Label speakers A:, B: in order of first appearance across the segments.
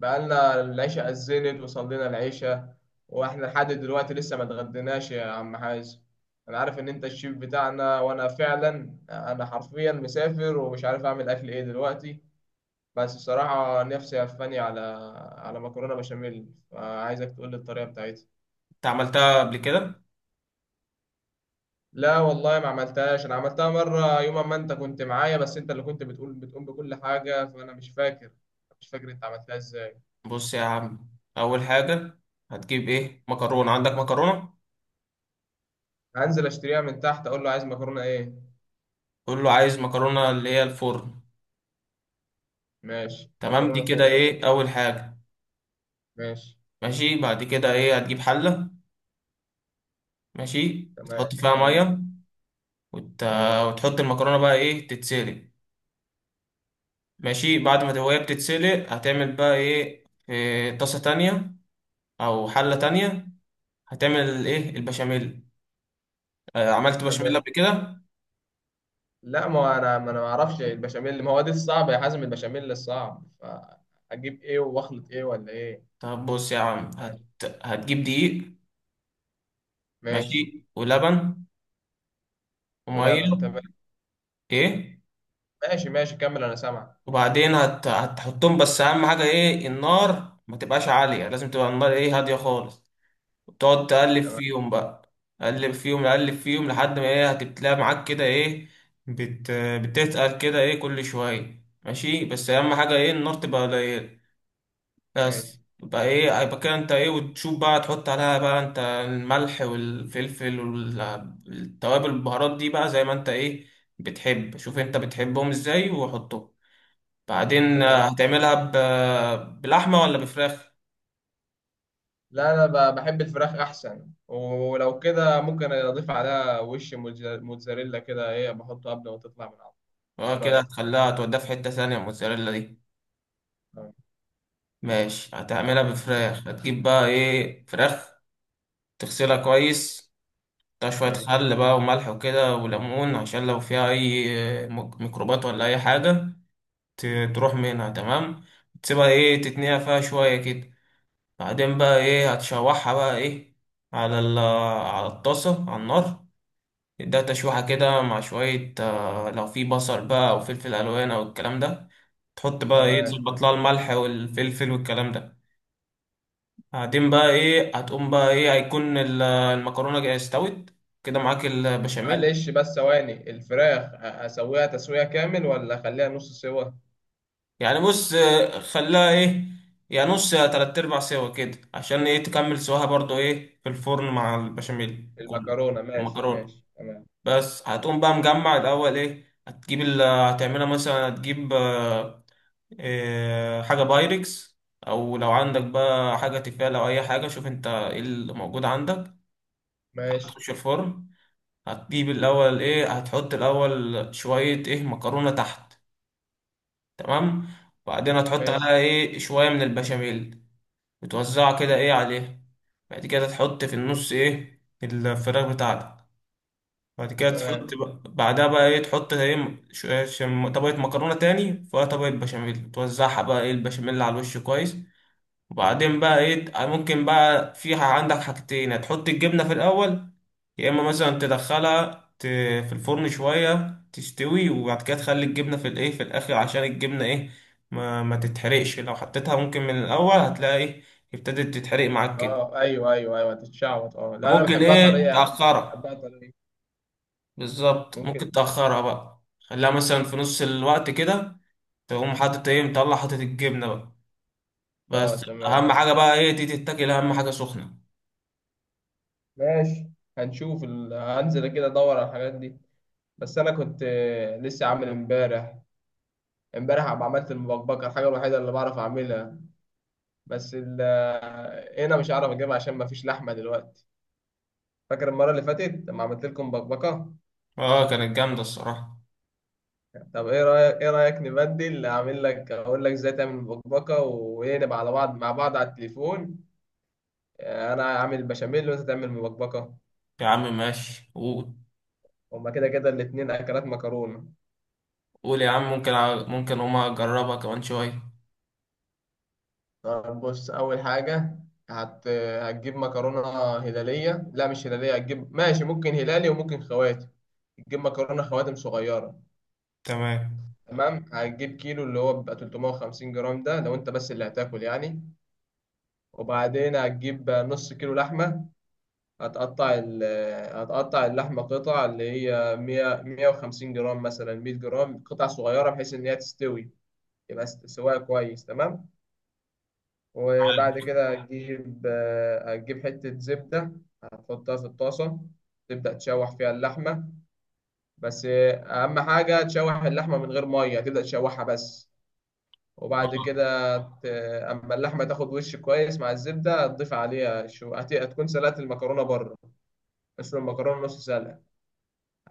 A: بقالنا العشاء أذنت وصلينا العشاء، وإحنا لحد دلوقتي لسه ما اتغديناش يا عم حازم. أنا عارف إن أنت الشيف بتاعنا، وأنا فعلا أنا حرفيا مسافر ومش عارف أعمل أكل إيه دلوقتي. بس الصراحة نفسي هفاني على على مكرونة بشاميل، فعايزك تقول لي الطريقة بتاعتها.
B: انت عملتها قبل كده.
A: لا والله ما عملتهاش، أنا عملتها مرة يوم ما أنت كنت معايا، بس أنت اللي كنت بتقول بتقوم بكل حاجة فأنا مش فاكر. مش فاكر أنت عملتها إزاي.
B: بص يا عم، اول حاجه هتجيب ايه؟ مكرونه. عندك مكرونه؟
A: هنزل أشتريها من تحت، أقول له عايز مكرونة إيه.
B: قول له عايز مكرونه اللي هي الفرن.
A: ماشي،
B: تمام، دي
A: مكرونة
B: كده
A: فرن.
B: ايه اول حاجه.
A: ماشي.
B: ماشي، بعد كده ايه؟ هتجيب حله. ماشي،
A: تمام،
B: تحط فيها
A: تمام.
B: ميه وت...
A: ماشي.
B: وتحط المكرونه، بقى ايه، تتسلق. ماشي، بعد ما هي بتتسلق هتعمل بقى ايه؟ في طاسه تانية او حله تانية هتعمل ايه؟ البشاميل. عملت
A: طب،
B: بشاميل قبل كده؟
A: لا ما هو انا ما اعرفش البشاميل. ما هو دي الصعبة يا حازم، البشاميل الصعب، فاجيب ايه واخلط ايه ولا ايه؟
B: طب بص يا عم، هتجيب دقيق،
A: ماشي،
B: ماشي، ولبن، وميه،
A: ولبن، تمام.
B: ايه،
A: ماشي ماشي، كمل انا سامعك.
B: وبعدين هتحطهم، بس اهم حاجه ايه، النار ما تبقاش عاليه، لازم تبقى النار ايه، هاديه خالص. وتقعد تقلب
A: تمام.
B: فيهم بقى، قلب فيهم، قلب فيهم لحد ما ايه، هتبتلاقي معاك كده ايه، بت... بتتقل كده ايه كل شويه. ماشي، بس اهم حاجه ايه، النار تبقى قليله.
A: ماشي.
B: بس يبقى ايه، يبقى كده انت ايه، وتشوف بقى تحط عليها بقى انت الملح والفلفل والتوابل البهارات دي، بقى زي ما انت ايه، بتحب. شوف انت بتحبهم ازاي وحطهم. بعدين
A: تمام.
B: هتعملها بلحمة ولا بفراخ؟
A: لا انا بحب الفراخ احسن، ولو كده ممكن اضيف عليها وش موتزاريلا كده، ايه بحطه قبل ما تطلع من العظم.
B: اه،
A: ايه
B: كده
A: رايك في كده؟
B: هتخليها توديها في حتة ثانية، الموتزاريلا دي.
A: تمام.
B: ماشي، هتعملها بفراخ. هتجيب بقى ايه، فراخ، تغسلها كويس، تحطها شوية
A: ماشي.
B: خل بقى وملح وكده وليمون، عشان لو فيها أي ميكروبات ولا أي حاجة تروح منها. تمام، تسيبها ايه تتنقع فيها شوية كده. بعدين بقى ايه، هتشوحها بقى ايه على على الطاسة على النار، تديها تشويحة كده مع شوية، لو في بصل بقى أو فلفل ألوان أو الكلام ده. تحط بقى ايه،
A: تمام.
B: تظبط لها الملح والفلفل والكلام ده. بعدين بقى ايه، هتقوم بقى ايه، هيكون المكرونة جاية استوت كده، معاك البشاميل.
A: معلش بس ثواني، الفراخ هسويها تسوية كامل ولا اخليها نص سوا؟
B: يعني بص، خلاها ايه يعني، نص يا تلات ارباع سوا كده، عشان ايه، تكمل سواها برضو ايه في الفرن مع البشاميل وكل.
A: المكرونة ماشي
B: المكرونة،
A: ماشي تمام.
B: بس هتقوم بقى مجمع الاول ايه، هتجيب هتعملها مثلا، هتجيب حاجة بايركس، او لو عندك بقى حاجة تيفال او اي حاجة، شوف انت ايه اللي موجود عندك، حاجة
A: ماشي
B: تخش الفرن. هتجيب الاول ايه، هتحط الاول شوية ايه مكرونة تحت، تمام، وبعدين هتحط
A: ماشي
B: عليها ايه شويه من البشاميل، بتوزعها كده ايه عليه. بعد كده تحط في النص ايه الفراخ بتاعتك. بعد كده تحط
A: تمام.
B: بقى بعدها بقى ايه، تحط ايه، ش- طبقة مكرونة تاني، فيها طبقة بشاميل، توزعها بقى ايه البشاميل على الوش كويس. وبعدين بقى ايه، ممكن بقى في عندك حاجتين، هتحط الجبنة في الأول، يا إما مثلا تدخلها في الفرن شوية تستوي، وبعد كده تخلي الجبنة في الايه، في الآخر، عشان الجبنة ايه ما تتحرقش، لو حطيتها ممكن من الأول هتلاقي ايه، ابتدت تتحرق معاك كده.
A: اه ايوه ايوه ايوه هتتشعبط. اه لا انا
B: ممكن
A: بحبها طرية
B: ايه،
A: يا عم.
B: تأخرها.
A: بحبها طرية.
B: بالظبط،
A: ممكن.
B: ممكن تأخرها بقى، خليها مثلا في نص الوقت كده، تقوم حاطط ايه، مطلع حاطط الجبنة بقى.
A: اه
B: بس
A: تمام.
B: أهم حاجة بقى ايه، دي تتاكل أهم حاجة سخنة.
A: ماشي، هنشوف هنزل كده ادور على الحاجات دي. بس انا كنت لسه عامل امبارح. امبارح عم عملت المبكبكة، الحاجة الوحيدة اللي بعرف اعملها. بس ال... آه، هنا مش هعرف اجيبها عشان مفيش لحمة دلوقتي. فاكر المرة اللي فاتت لما عملت لكم بكبكة؟
B: اه، كانت جامدة الصراحة.
A: طب ايه رأيك نبدل، اعمل لك اقول لك ازاي تعمل بكبكة، ونبقى على بعض مع بعض على التليفون. انا اعمل بشاميل وانت تعمل بكبكة.
B: يا عم ماشي، قول.
A: هما كده كده الاتنين اكلات مكرونة.
B: قول يا عم، ممكن ممكن هما أجربها كمان شوية.
A: طب بص، اول حاجة هتجيب مكرونة هلالية، لا مش هلالية، هتجيب ماشي ممكن هلالي وممكن خواتم. تجيب مكرونة خواتم صغيرة.
B: تمام،
A: تمام. هتجيب كيلو اللي هو بيبقى 350 جرام، ده لو انت بس اللي هتاكل يعني. وبعدين هتجيب نص كيلو لحمة. هتقطع ال هتقطع اللحمة قطع، اللي هي 100 150 جرام، مثلا 100 جرام، قطع صغيرة بحيث إن هي تستوي. يبقى سواها كويس. تمام. وبعد كده هتجيب، هتجيب حتة زبدة. هتحطها في الطاسة. تبدأ تشوح فيها اللحمة. بس أهم حاجة تشوح اللحمة من غير مية، تبدأ تشوحها بس. وبعد كده ت- اما اللحمه تاخد وش كويس مع الزبده، هتضيف عليها شو، هتكون سلقت المكرونه بره. اسلق المكرونة نص سلقة.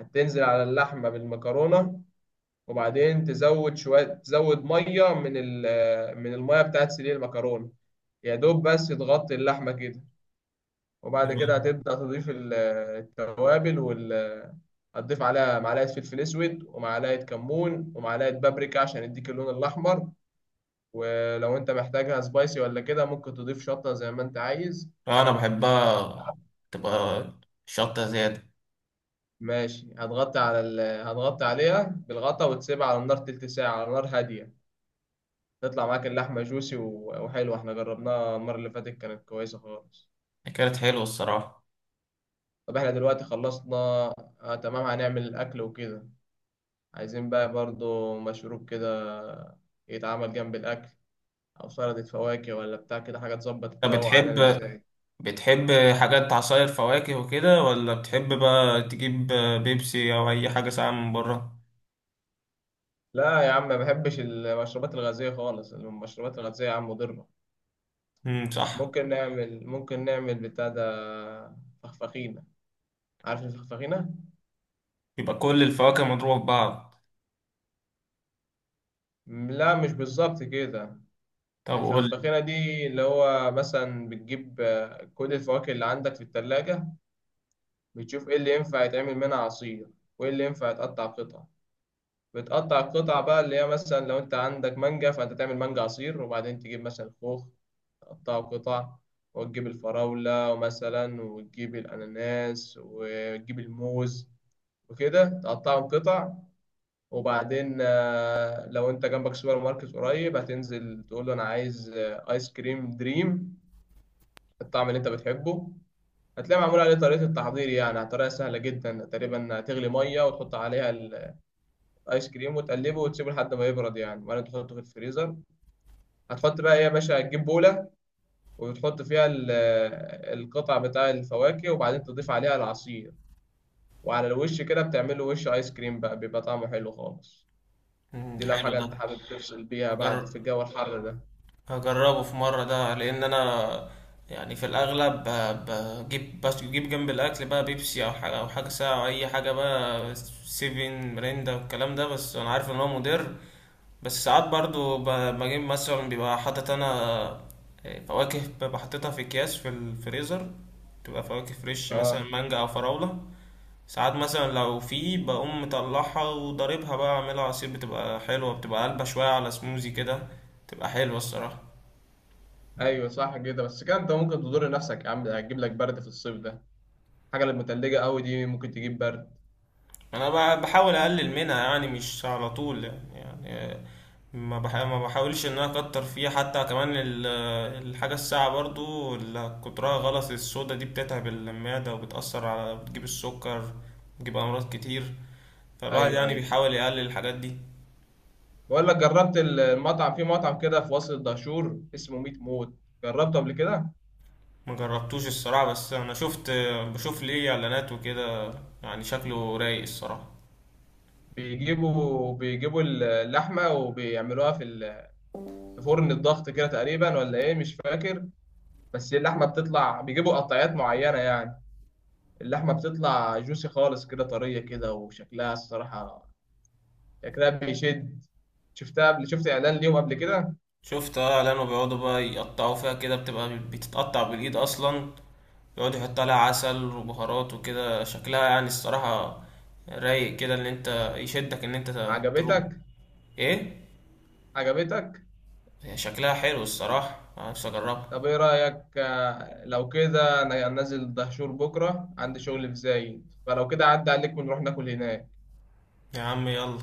A: هتنزل على اللحمة بالمكرونة. وبعدين تزود شوية، تزود مية من المية بتاعت سلق المكرونة. يا دوب بس تغطي اللحمة كده. وبعد كده
B: تمام.
A: هتبدأ تضيف التوابل هتضيف عليها معلقة فلفل أسود ومعلقة كمون ومعلقة بابريكا عشان يديك اللون الأحمر. ولو أنت محتاجها سبايسي ولا كده، ممكن تضيف شطة زي ما أنت عايز.
B: أنا بحبها، تبقى شطة زيادة.
A: ماشي، هتغطي على هتغطي عليها بالغطا، وتسيبها على النار 1/3 ساعة على نار هادية. تطلع معاك اللحمة جوسي وحلوة. احنا جربناها المرة اللي فاتت كانت كويسة خالص.
B: كانت حلوة الصراحة.
A: طب احنا دلوقتي خلصنا. آه تمام، هنعمل الأكل وكده. عايزين بقى برضو مشروب كده يتعمل جنب الأكل، أو سلطة فواكه ولا بتاع كده، حاجة تظبط
B: أنت
A: تروق على
B: بتحب،
A: المزاج.
B: بتحب حاجات عصاير فواكه وكده، ولا بتحب بقى تجيب بيبسي او اي حاجه ساقعه من بره؟
A: لا يا عم، ما بحبش المشروبات الغازية خالص. المشروبات الغازية يا عم مضرة.
B: صح.
A: ممكن نعمل بتاع ده، فخفخينة. عارف الفخفخينة؟
B: يبقى كل الفواكه مضروبه في بعض؟
A: لا مش بالظبط كده.
B: طب قول لي.
A: الفخفخيرة دي اللي هو مثلا بتجيب، كل الفواكه اللي عندك في التلاجة. بتشوف ايه اللي ينفع يتعمل منها عصير، وايه اللي ينفع يتقطع قطع. بتقطع القطع بقى، اللي هي مثلا لو انت عندك مانجا فانت تعمل مانجا عصير، وبعدين تجيب مثلا خوخ تقطعه قطع، وتجيب الفراولة مثلا، وتجيب الأناناس، وتجيب الموز، وكده تقطعهم قطع. وبعدين لو انت جنبك سوبر ماركت قريب، هتنزل تقول له انا عايز، ايس كريم دريم الطعم اللي انت بتحبه. هتلاقي معمول عليه طريقة التحضير، يعني طريقة سهلة جدا، تقريبا هتغلي مية وتحط عليها الآيس كريم وتقلبه وتسيبه لحد ما يبرد يعني، وبعدين تحطه في الفريزر. هتحط بقى ايه يا باشا، هتجيب بولة وتحط فيها القطع بتاع الفواكه، وبعدين تضيف عليها العصير، وعلى الوش كده بتعمله وش آيس كريم بقى، بيبقى طعمه حلو خالص. دي لو
B: حلو
A: حاجة
B: ده.
A: انت حابب تفصل بيها بعد
B: هجرب،
A: في الجو الحر ده.
B: هجربه في مره ده، لان انا يعني في الاغلب بجيب، بس بجيب جنب الاكل بقى بيبسي او حاجه، او حاجه ساقعه او اي حاجه بقى، سيفن، مريندا والكلام ده، بس انا عارف ان هو مضر. بس ساعات برضو بجيب مثلا، بيبقى حاطط انا فواكه، ببقى حاططها في اكياس في الفريزر، تبقى فواكه فريش، مثلا
A: اه
B: مانجا او فراولة. ساعات مثلا لو في، بقوم مطلعها وضاربها بقى، اعملها عصير، بتبقى حلوة، بتبقى قلبة شوية على سموزي كده، بتبقى حلوة الصراحة.
A: ايوه صح كده، بس كده انت ممكن تضر نفسك يا عم، هتجيب لك برد في الصيف ده. الحاجة اللي متلجة قوي دي ممكن تجيب برد.
B: انا بحاول اقلل منها يعني، مش على طول يعني, يعني ما بحاولش ان انا اكتر فيها. حتى كمان الحاجه الساعه برضو اللي كترها غلط، الصودا دي بتتعب المعده وبتاثر على، بتجيب السكر، بتجيب امراض كتير، فالواحد
A: ايوه
B: يعني
A: ايوه.
B: بيحاول يقلل الحاجات دي.
A: بقول لك، جربت المطعم في مطعم كده في وسط الدهشور اسمه ميت موت؟ جربته قبل كده؟
B: ما جربتوش الصراحه، بس انا شفت، بشوف ليه اعلانات وكده، يعني شكله رايق الصراحه.
A: بيجيبوا اللحمه وبيعملوها في في فرن الضغط كده تقريبا، ولا ايه مش فاكر. بس اللحمه بتطلع، بيجيبوا قطعيات معينه يعني. اللحمه بتطلع جوسي خالص كده، طريه كده، وشكلها الصراحه، شكلها بيشد. شفتها قبل، شفت اعلان ليهم قبل كده؟
B: شفت، اه، لانه بيقعدوا بقى يقطعوا فيها كده، بتبقى بتتقطع بالايد اصلا، يقعد يحط عليها عسل وبهارات وكده، شكلها يعني الصراحة رايق كده، ان انت يشدك ان انت تروح.
A: عجبتك؟
B: ايه،
A: عجبتك؟
B: هي شكلها حلو الصراحة، أنا نفسي
A: طب
B: اجربها.
A: ايه رأيك، لو كده انا نازل دهشور بكرة عندي شغل في زايد، فلو كده عدى عليك ونروح ناكل هناك.
B: يا عم يلا،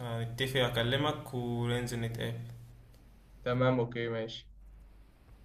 B: هنتفق اكلمك وننزل نتقابل.
A: تمام اوكي ماشي.